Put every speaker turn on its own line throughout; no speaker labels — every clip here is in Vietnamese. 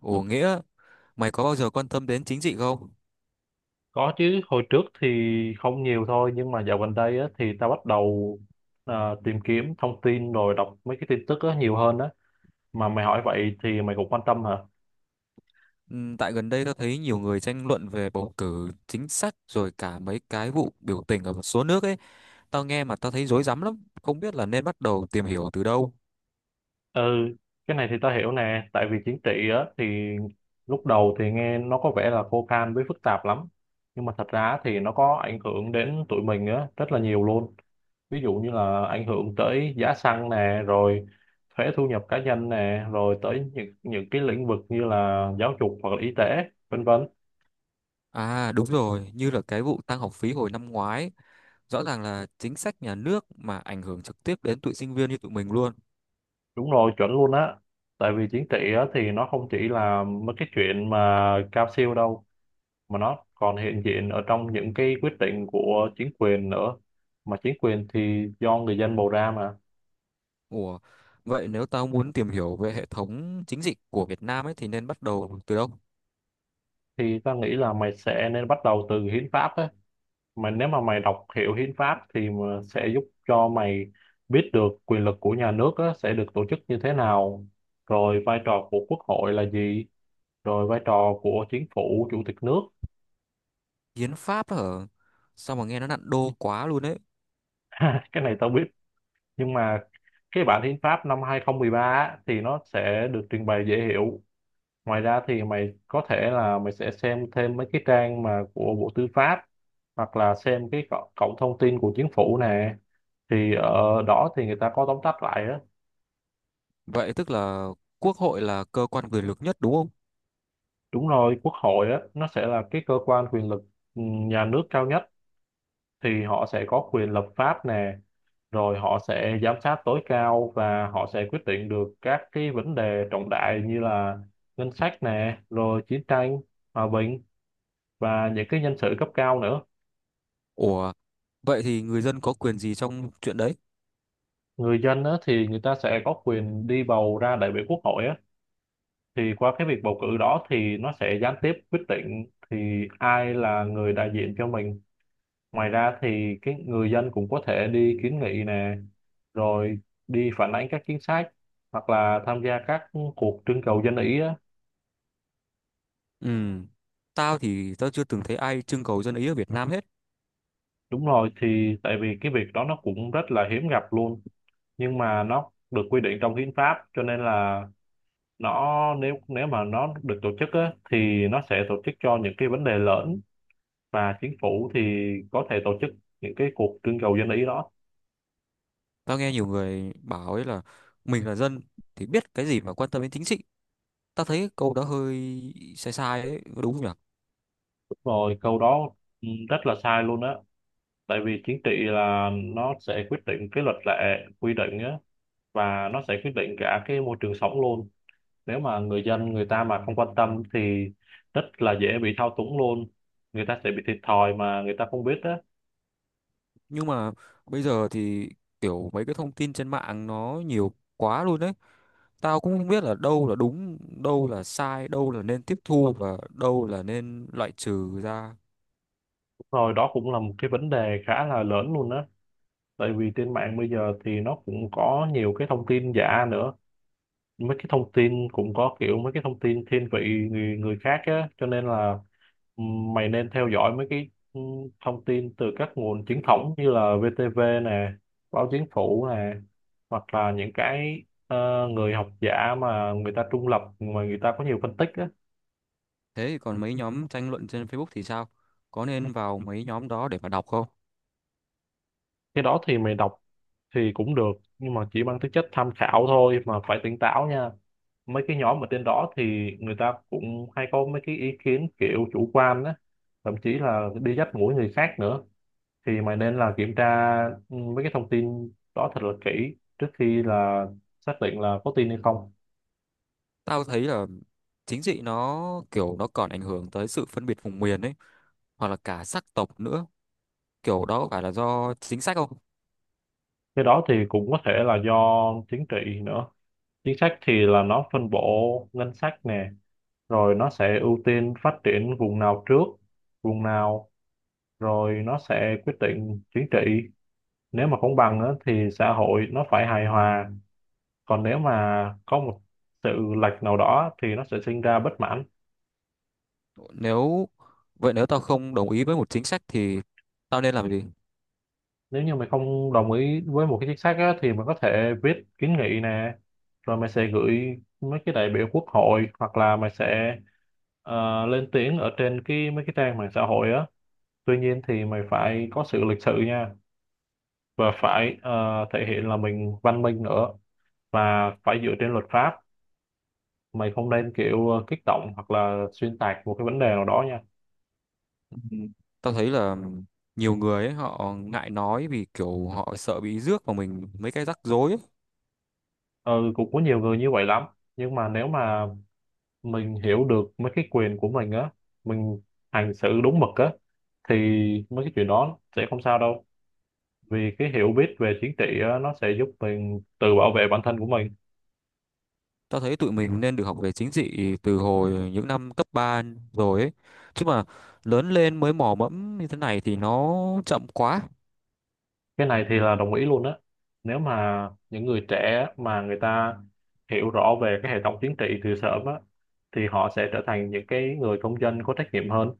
Ủa Nghĩa, mày có bao giờ quan tâm đến chính trị không?
Có chứ, hồi trước thì không nhiều thôi, nhưng mà dạo gần đây á, thì tao bắt đầu tìm kiếm thông tin rồi đọc mấy cái tin tức á, nhiều hơn á. Mà mày hỏi vậy thì mày cũng quan tâm hả?
Tại gần đây tao thấy nhiều người tranh luận về bầu cử chính sách rồi cả mấy cái vụ biểu tình ở một số nước ấy. Tao nghe mà tao thấy rối rắm lắm, không biết là nên bắt đầu tìm hiểu từ đâu.
Ừ, cái này thì tao hiểu nè, tại vì chính trị á, thì lúc đầu thì nghe nó có vẻ là khô khan với phức tạp lắm. Nhưng mà thật ra thì nó có ảnh hưởng đến tụi mình á, rất là nhiều luôn. Ví dụ như là ảnh hưởng tới giá xăng nè, rồi thuế thu nhập cá nhân nè, rồi tới những cái lĩnh vực như là giáo dục hoặc là y tế, vân vân.
À đúng rồi, như là cái vụ tăng học phí hồi năm ngoái, rõ ràng là chính sách nhà nước mà ảnh hưởng trực tiếp đến tụi sinh viên như tụi mình luôn.
Đúng rồi, chuẩn luôn á. Tại vì chính trị á, thì nó không chỉ là mấy cái chuyện mà cao siêu đâu, mà nó còn hiện diện ở trong những cái quyết định của chính quyền nữa, mà chính quyền thì do người dân bầu ra mà.
Ủa, vậy nếu tao muốn tìm hiểu về hệ thống chính trị của Việt Nam ấy thì nên bắt đầu từ đâu?
Thì ta nghĩ là mày sẽ nên bắt đầu từ hiến pháp á. Mà nếu mà mày đọc hiểu hiến pháp thì mà sẽ giúp cho mày biết được quyền lực của nhà nước á, sẽ được tổ chức như thế nào, rồi vai trò của quốc hội là gì, rồi vai trò của chính phủ, chủ tịch nước.
Hiến pháp hả? Sao mà nghe nó nặng đô quá luôn ấy.
Cái này tao biết, nhưng mà cái bản hiến pháp năm 2013 á, thì nó sẽ được trình bày dễ hiểu. Ngoài ra thì mày có thể là mày sẽ xem thêm mấy cái trang mà của Bộ Tư pháp, hoặc là xem cái cổng cổng thông tin của chính phủ nè, thì ở đó thì người ta có tóm tắt lại á.
Vậy tức là quốc hội là cơ quan quyền lực nhất đúng không?
Đúng rồi, quốc hội á, nó sẽ là cái cơ quan quyền lực nhà nước cao nhất. Thì họ sẽ có quyền lập pháp nè, rồi họ sẽ giám sát tối cao và họ sẽ quyết định được các cái vấn đề trọng đại như là ngân sách nè, rồi chiến tranh, hòa bình và những cái nhân sự cấp cao nữa.
Ủa, vậy thì người dân có quyền gì trong chuyện đấy?
Người dân á, thì người ta sẽ có quyền đi bầu ra đại biểu quốc hội á, thì qua cái việc bầu cử đó thì nó sẽ gián tiếp quyết định thì ai là người đại diện cho mình. Ngoài ra thì cái người dân cũng có thể đi kiến nghị nè, rồi đi phản ánh các chính sách hoặc là tham gia các cuộc trưng cầu dân ý á.
Ừ, tao thì tao chưa từng thấy ai trưng cầu dân ý ở Việt Nam hết.
Đúng rồi, thì tại vì cái việc đó nó cũng rất là hiếm gặp luôn, nhưng mà nó được quy định trong hiến pháp, cho nên là nó nếu nếu mà nó được tổ chức á, thì nó sẽ tổ chức cho những cái vấn đề lớn, và chính phủ thì có thể tổ chức những cái cuộc trưng cầu dân ý đó.
Tao nghe nhiều người bảo ấy là mình là dân thì biết cái gì mà quan tâm đến chính trị. Tao thấy câu đó hơi sai sai ấy, có đúng không nhỉ?
Đúng rồi, câu đó rất là sai luôn á. Tại vì chính trị là nó sẽ quyết định cái luật lệ, quy định á, và nó sẽ quyết định cả cái môi trường sống luôn. Nếu mà người dân người ta mà không quan tâm thì rất là dễ bị thao túng luôn, người ta sẽ bị thiệt thòi mà người ta không biết á.
Nhưng mà bây giờ thì kiểu mấy cái thông tin trên mạng nó nhiều quá luôn đấy. Tao cũng không biết là đâu là đúng, đâu là sai, đâu là nên tiếp thu và đâu là nên loại trừ ra.
Rồi đó cũng là một cái vấn đề khá là lớn luôn á. Tại vì trên mạng bây giờ thì nó cũng có nhiều cái thông tin giả nữa, mấy cái thông tin cũng có kiểu mấy cái thông tin thiên vị người người khác á, cho nên là mày nên theo dõi mấy cái thông tin từ các nguồn chính thống như là VTV nè, báo chính phủ nè, hoặc là những cái người học giả mà người ta trung lập mà người ta có nhiều phân tích á.
Thế còn mấy nhóm tranh luận trên Facebook thì sao? Có nên vào mấy nhóm đó để mà đọc không?
Cái đó thì mày đọc thì cũng được, nhưng mà chỉ mang tính chất tham khảo thôi, mà phải tỉnh táo nha. Mấy cái nhóm ở trên đó thì người ta cũng hay có mấy cái ý kiến kiểu chủ quan á, thậm chí là đi dắt mũi người khác nữa. Thì mày nên là kiểm tra mấy cái thông tin đó thật là kỹ trước khi là xác định là có tin hay không.
Tao thấy là chính trị nó kiểu nó còn ảnh hưởng tới sự phân biệt vùng miền ấy, hoặc là cả sắc tộc nữa. Kiểu đó có phải là do chính sách không?
Cái đó thì cũng có thể là do chính trị nữa. Chính sách thì là nó phân bổ ngân sách nè, rồi nó sẽ ưu tiên phát triển vùng nào trước, vùng nào, rồi nó sẽ quyết định chính trị. Nếu mà công bằng á, thì xã hội nó phải hài hòa, còn nếu mà có một sự lệch nào đó thì nó sẽ sinh ra bất mãn.
Nếu vậy nếu tao không đồng ý với một chính sách thì tao nên làm gì?
Nếu như mày không đồng ý với một cái chính sách á, thì mày có thể viết kiến nghị nè, rồi mày sẽ gửi mấy cái đại biểu quốc hội, hoặc là mày sẽ lên tiếng ở trên cái mấy cái trang mạng xã hội á. Tuy nhiên thì mày phải có sự lịch sự nha, và phải thể hiện là mình văn minh nữa, và phải dựa trên luật pháp. Mày không nên kiểu kích động hoặc là xuyên tạc một cái vấn đề nào đó nha.
Ừ, Tao thấy là nhiều người ấy, họ ngại nói vì kiểu họ sợ bị rước vào mình mấy cái rắc rối ấy.
Ừ, cũng có nhiều người như vậy lắm, nhưng mà nếu mà mình hiểu được mấy cái quyền của mình á, mình hành xử đúng mực á, thì mấy cái chuyện đó sẽ không sao đâu, vì cái hiểu biết về chính trị á, nó sẽ giúp mình tự bảo vệ bản thân của mình.
Tao thấy tụi mình nên được học về chính trị từ hồi những năm cấp 3 rồi ấy. Chứ mà lớn lên mới mò mẫm như thế này thì nó chậm quá.
Cái này thì là đồng ý luôn á. Nếu mà những người trẻ mà người ta hiểu rõ về cái hệ thống chính trị từ sớm á, thì họ sẽ trở thành những cái người công dân có trách nhiệm hơn.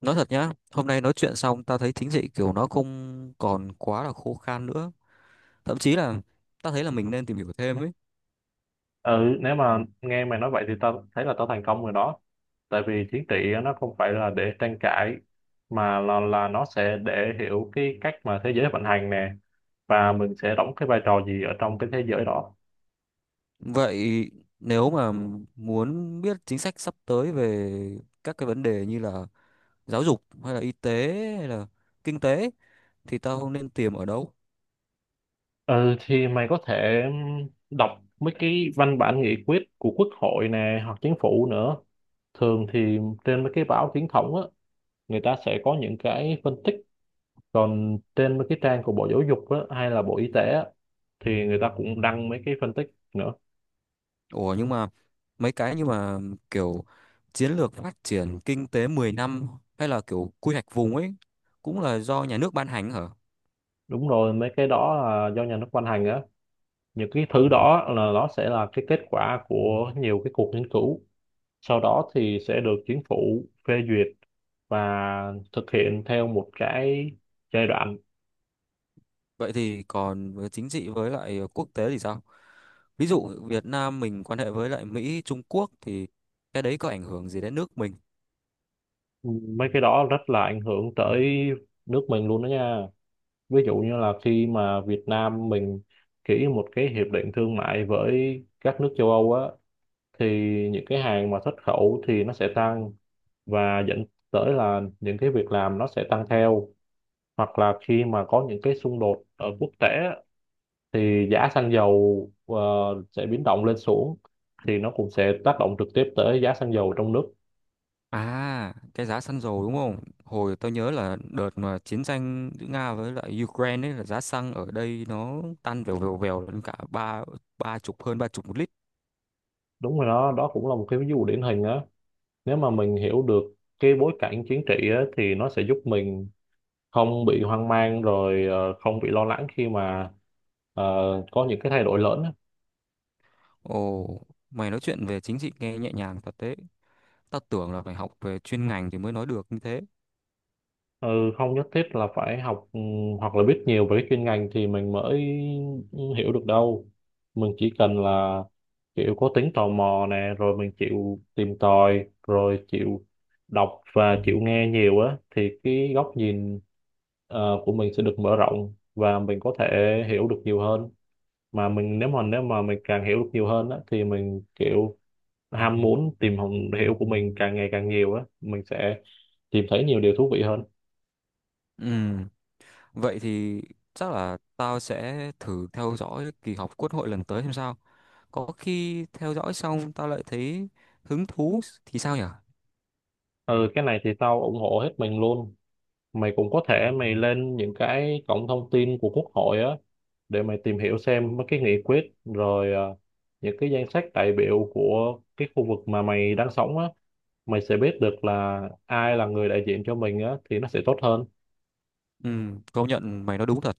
Nói thật nhá, hôm nay nói chuyện xong tao thấy chính trị kiểu nó không còn quá là khô khan nữa. Thậm chí là tao thấy là mình nên tìm hiểu thêm ấy.
Ừ, nếu mà nghe mày nói vậy thì tao thấy là tao thành công rồi đó. Tại vì chính trị nó không phải là để tranh cãi, mà là nó sẽ để hiểu cái cách mà thế giới vận hành nè, và mình sẽ đóng cái vai trò gì ở trong cái thế giới đó.
Vậy nếu mà muốn biết chính sách sắp tới về các cái vấn đề như là giáo dục hay là y tế hay là kinh tế thì tao nên tìm ở đâu?
Ừ, thì mày có thể đọc mấy cái văn bản nghị quyết của quốc hội nè, hoặc chính phủ nữa. Thường thì trên mấy cái báo chính thống á, người ta sẽ có những cái phân tích. Còn trên mấy cái trang của Bộ Giáo dục á, hay là Bộ Y tế á, thì người ta cũng đăng mấy cái phân tích nữa.
Ủa nhưng mà mấy cái như mà kiểu chiến lược phát triển kinh tế 10 năm hay là kiểu quy hoạch vùng ấy cũng là do nhà nước ban hành hả?
Đúng rồi, mấy cái đó là do nhà nước ban hành á. Những cái thứ đó là nó sẽ là cái kết quả của nhiều cái cuộc nghiên cứu, sau đó thì sẽ được chính phủ phê duyệt và thực hiện theo một cái giai đoạn.
Vậy thì còn với chính trị với lại quốc tế thì sao? Ví dụ Việt Nam mình quan hệ với lại Mỹ, Trung Quốc thì cái đấy có ảnh hưởng gì đến nước mình?
Mấy cái đó rất là ảnh hưởng tới nước mình luôn đó nha. Ví dụ như là khi mà Việt Nam mình ký một cái hiệp định thương mại với các nước châu Âu á, thì những cái hàng mà xuất khẩu thì nó sẽ tăng, và dẫn tới là những cái việc làm nó sẽ tăng theo. Hoặc là khi mà có những cái xung đột ở quốc tế á, thì giá xăng dầu sẽ biến động lên xuống, thì nó cũng sẽ tác động trực tiếp tới giá xăng dầu trong nước.
À, cái giá xăng dầu đúng không? Hồi tôi nhớ là đợt mà chiến tranh giữa Nga với lại Ukraine ấy là giá xăng ở đây nó tăng vèo vèo vèo lên cả ba ba chục hơn 30 một lít.
Đúng rồi, đó đó cũng là một cái ví dụ điển hình á. Nếu mà mình hiểu được cái bối cảnh chính trị á, thì nó sẽ giúp mình không bị hoang mang, rồi không bị lo lắng khi mà ờ, có những cái thay đổi lớn á.
Ồ, mày nói chuyện về chính trị nghe nhẹ nhàng thật đấy. Tao tưởng là phải học về chuyên ngành thì mới nói được như thế.
Ừ, không nhất thiết là phải học hoặc là biết nhiều về cái chuyên ngành thì mình mới hiểu được đâu. Mình chỉ cần là kiểu có tính tò mò nè, rồi mình chịu tìm tòi, rồi chịu đọc và chịu nghe nhiều á, thì cái góc nhìn của mình sẽ được mở rộng và mình có thể hiểu được nhiều hơn. Mà mình nếu mà mình càng hiểu được nhiều hơn á thì mình kiểu ham muốn tìm hiểu của mình càng ngày càng nhiều á, mình sẽ tìm thấy nhiều điều thú vị hơn.
Ừ, vậy thì chắc là tao sẽ thử theo dõi kỳ họp quốc hội lần tới xem sao. Có khi theo dõi xong tao lại thấy hứng thú thì sao nhở?
Ừ, cái này thì tao ủng hộ hết mình luôn. Mày cũng có thể mày lên những cái cổng thông tin của Quốc hội á, để mày tìm hiểu xem mấy cái nghị quyết, rồi những cái danh sách đại biểu của cái khu vực mà mày đang sống á, mày sẽ biết được là ai là người đại diện cho mình á, thì nó sẽ tốt hơn.
Ừ, công nhận mày nói đúng thật.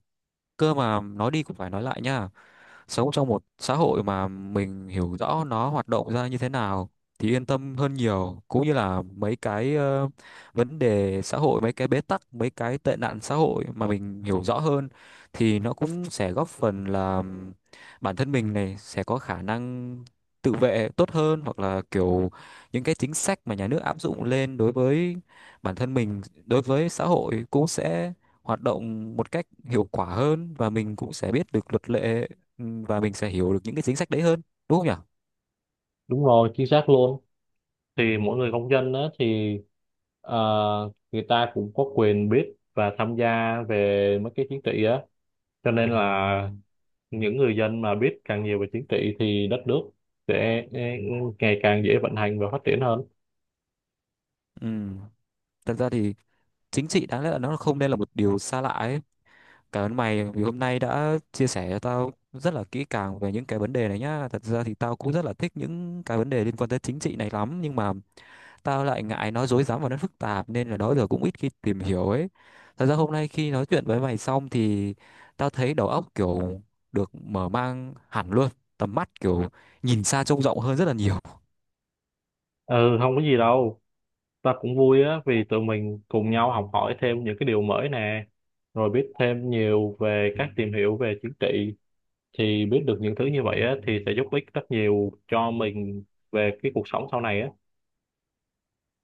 Cơ mà nói đi cũng phải nói lại nhá. Sống trong một xã hội mà mình hiểu rõ nó hoạt động ra như thế nào thì yên tâm hơn nhiều, cũng như là mấy cái vấn đề xã hội, mấy cái bế tắc, mấy cái tệ nạn xã hội mà mình hiểu rõ hơn thì nó cũng sẽ góp phần là bản thân mình này sẽ có khả năng tự vệ tốt hơn, hoặc là kiểu những cái chính sách mà nhà nước áp dụng lên đối với bản thân mình, đối với xã hội cũng sẽ hoạt động một cách hiệu quả hơn, và mình cũng sẽ biết được luật lệ. Ừ, và mình sẽ hiểu được những cái chính sách đấy hơn, đúng không nhỉ?
Đúng rồi, chính xác luôn. Thì mỗi người công dân á thì ờ, người ta cũng có quyền biết và tham gia về mấy cái chính trị á, cho nên là những người dân mà biết càng nhiều về chính trị thì đất nước sẽ ngày càng dễ vận hành và phát triển hơn.
Ừ. Thật ra thì chính trị đáng lẽ là nó không nên là một điều xa lạ ấy. Cảm ơn mày vì hôm nay đã chia sẻ cho tao rất là kỹ càng về những cái vấn đề này nhá. Thật ra thì tao cũng rất là thích những cái vấn đề liên quan tới chính trị này lắm, nhưng mà tao lại ngại nó rối rắm và nó phức tạp nên là đó giờ cũng ít khi tìm hiểu ấy. Thật ra hôm nay khi nói chuyện với mày xong thì tao thấy đầu óc kiểu được mở mang hẳn luôn, tầm mắt kiểu nhìn xa trông rộng hơn rất là nhiều.
Ừ, không có gì đâu. Ta cũng vui á, vì tụi mình cùng nhau học hỏi thêm những cái điều mới nè, rồi biết thêm nhiều về các tìm hiểu về chính trị. Thì biết được những thứ như vậy á thì sẽ giúp ích rất nhiều cho mình về cái cuộc sống sau này á.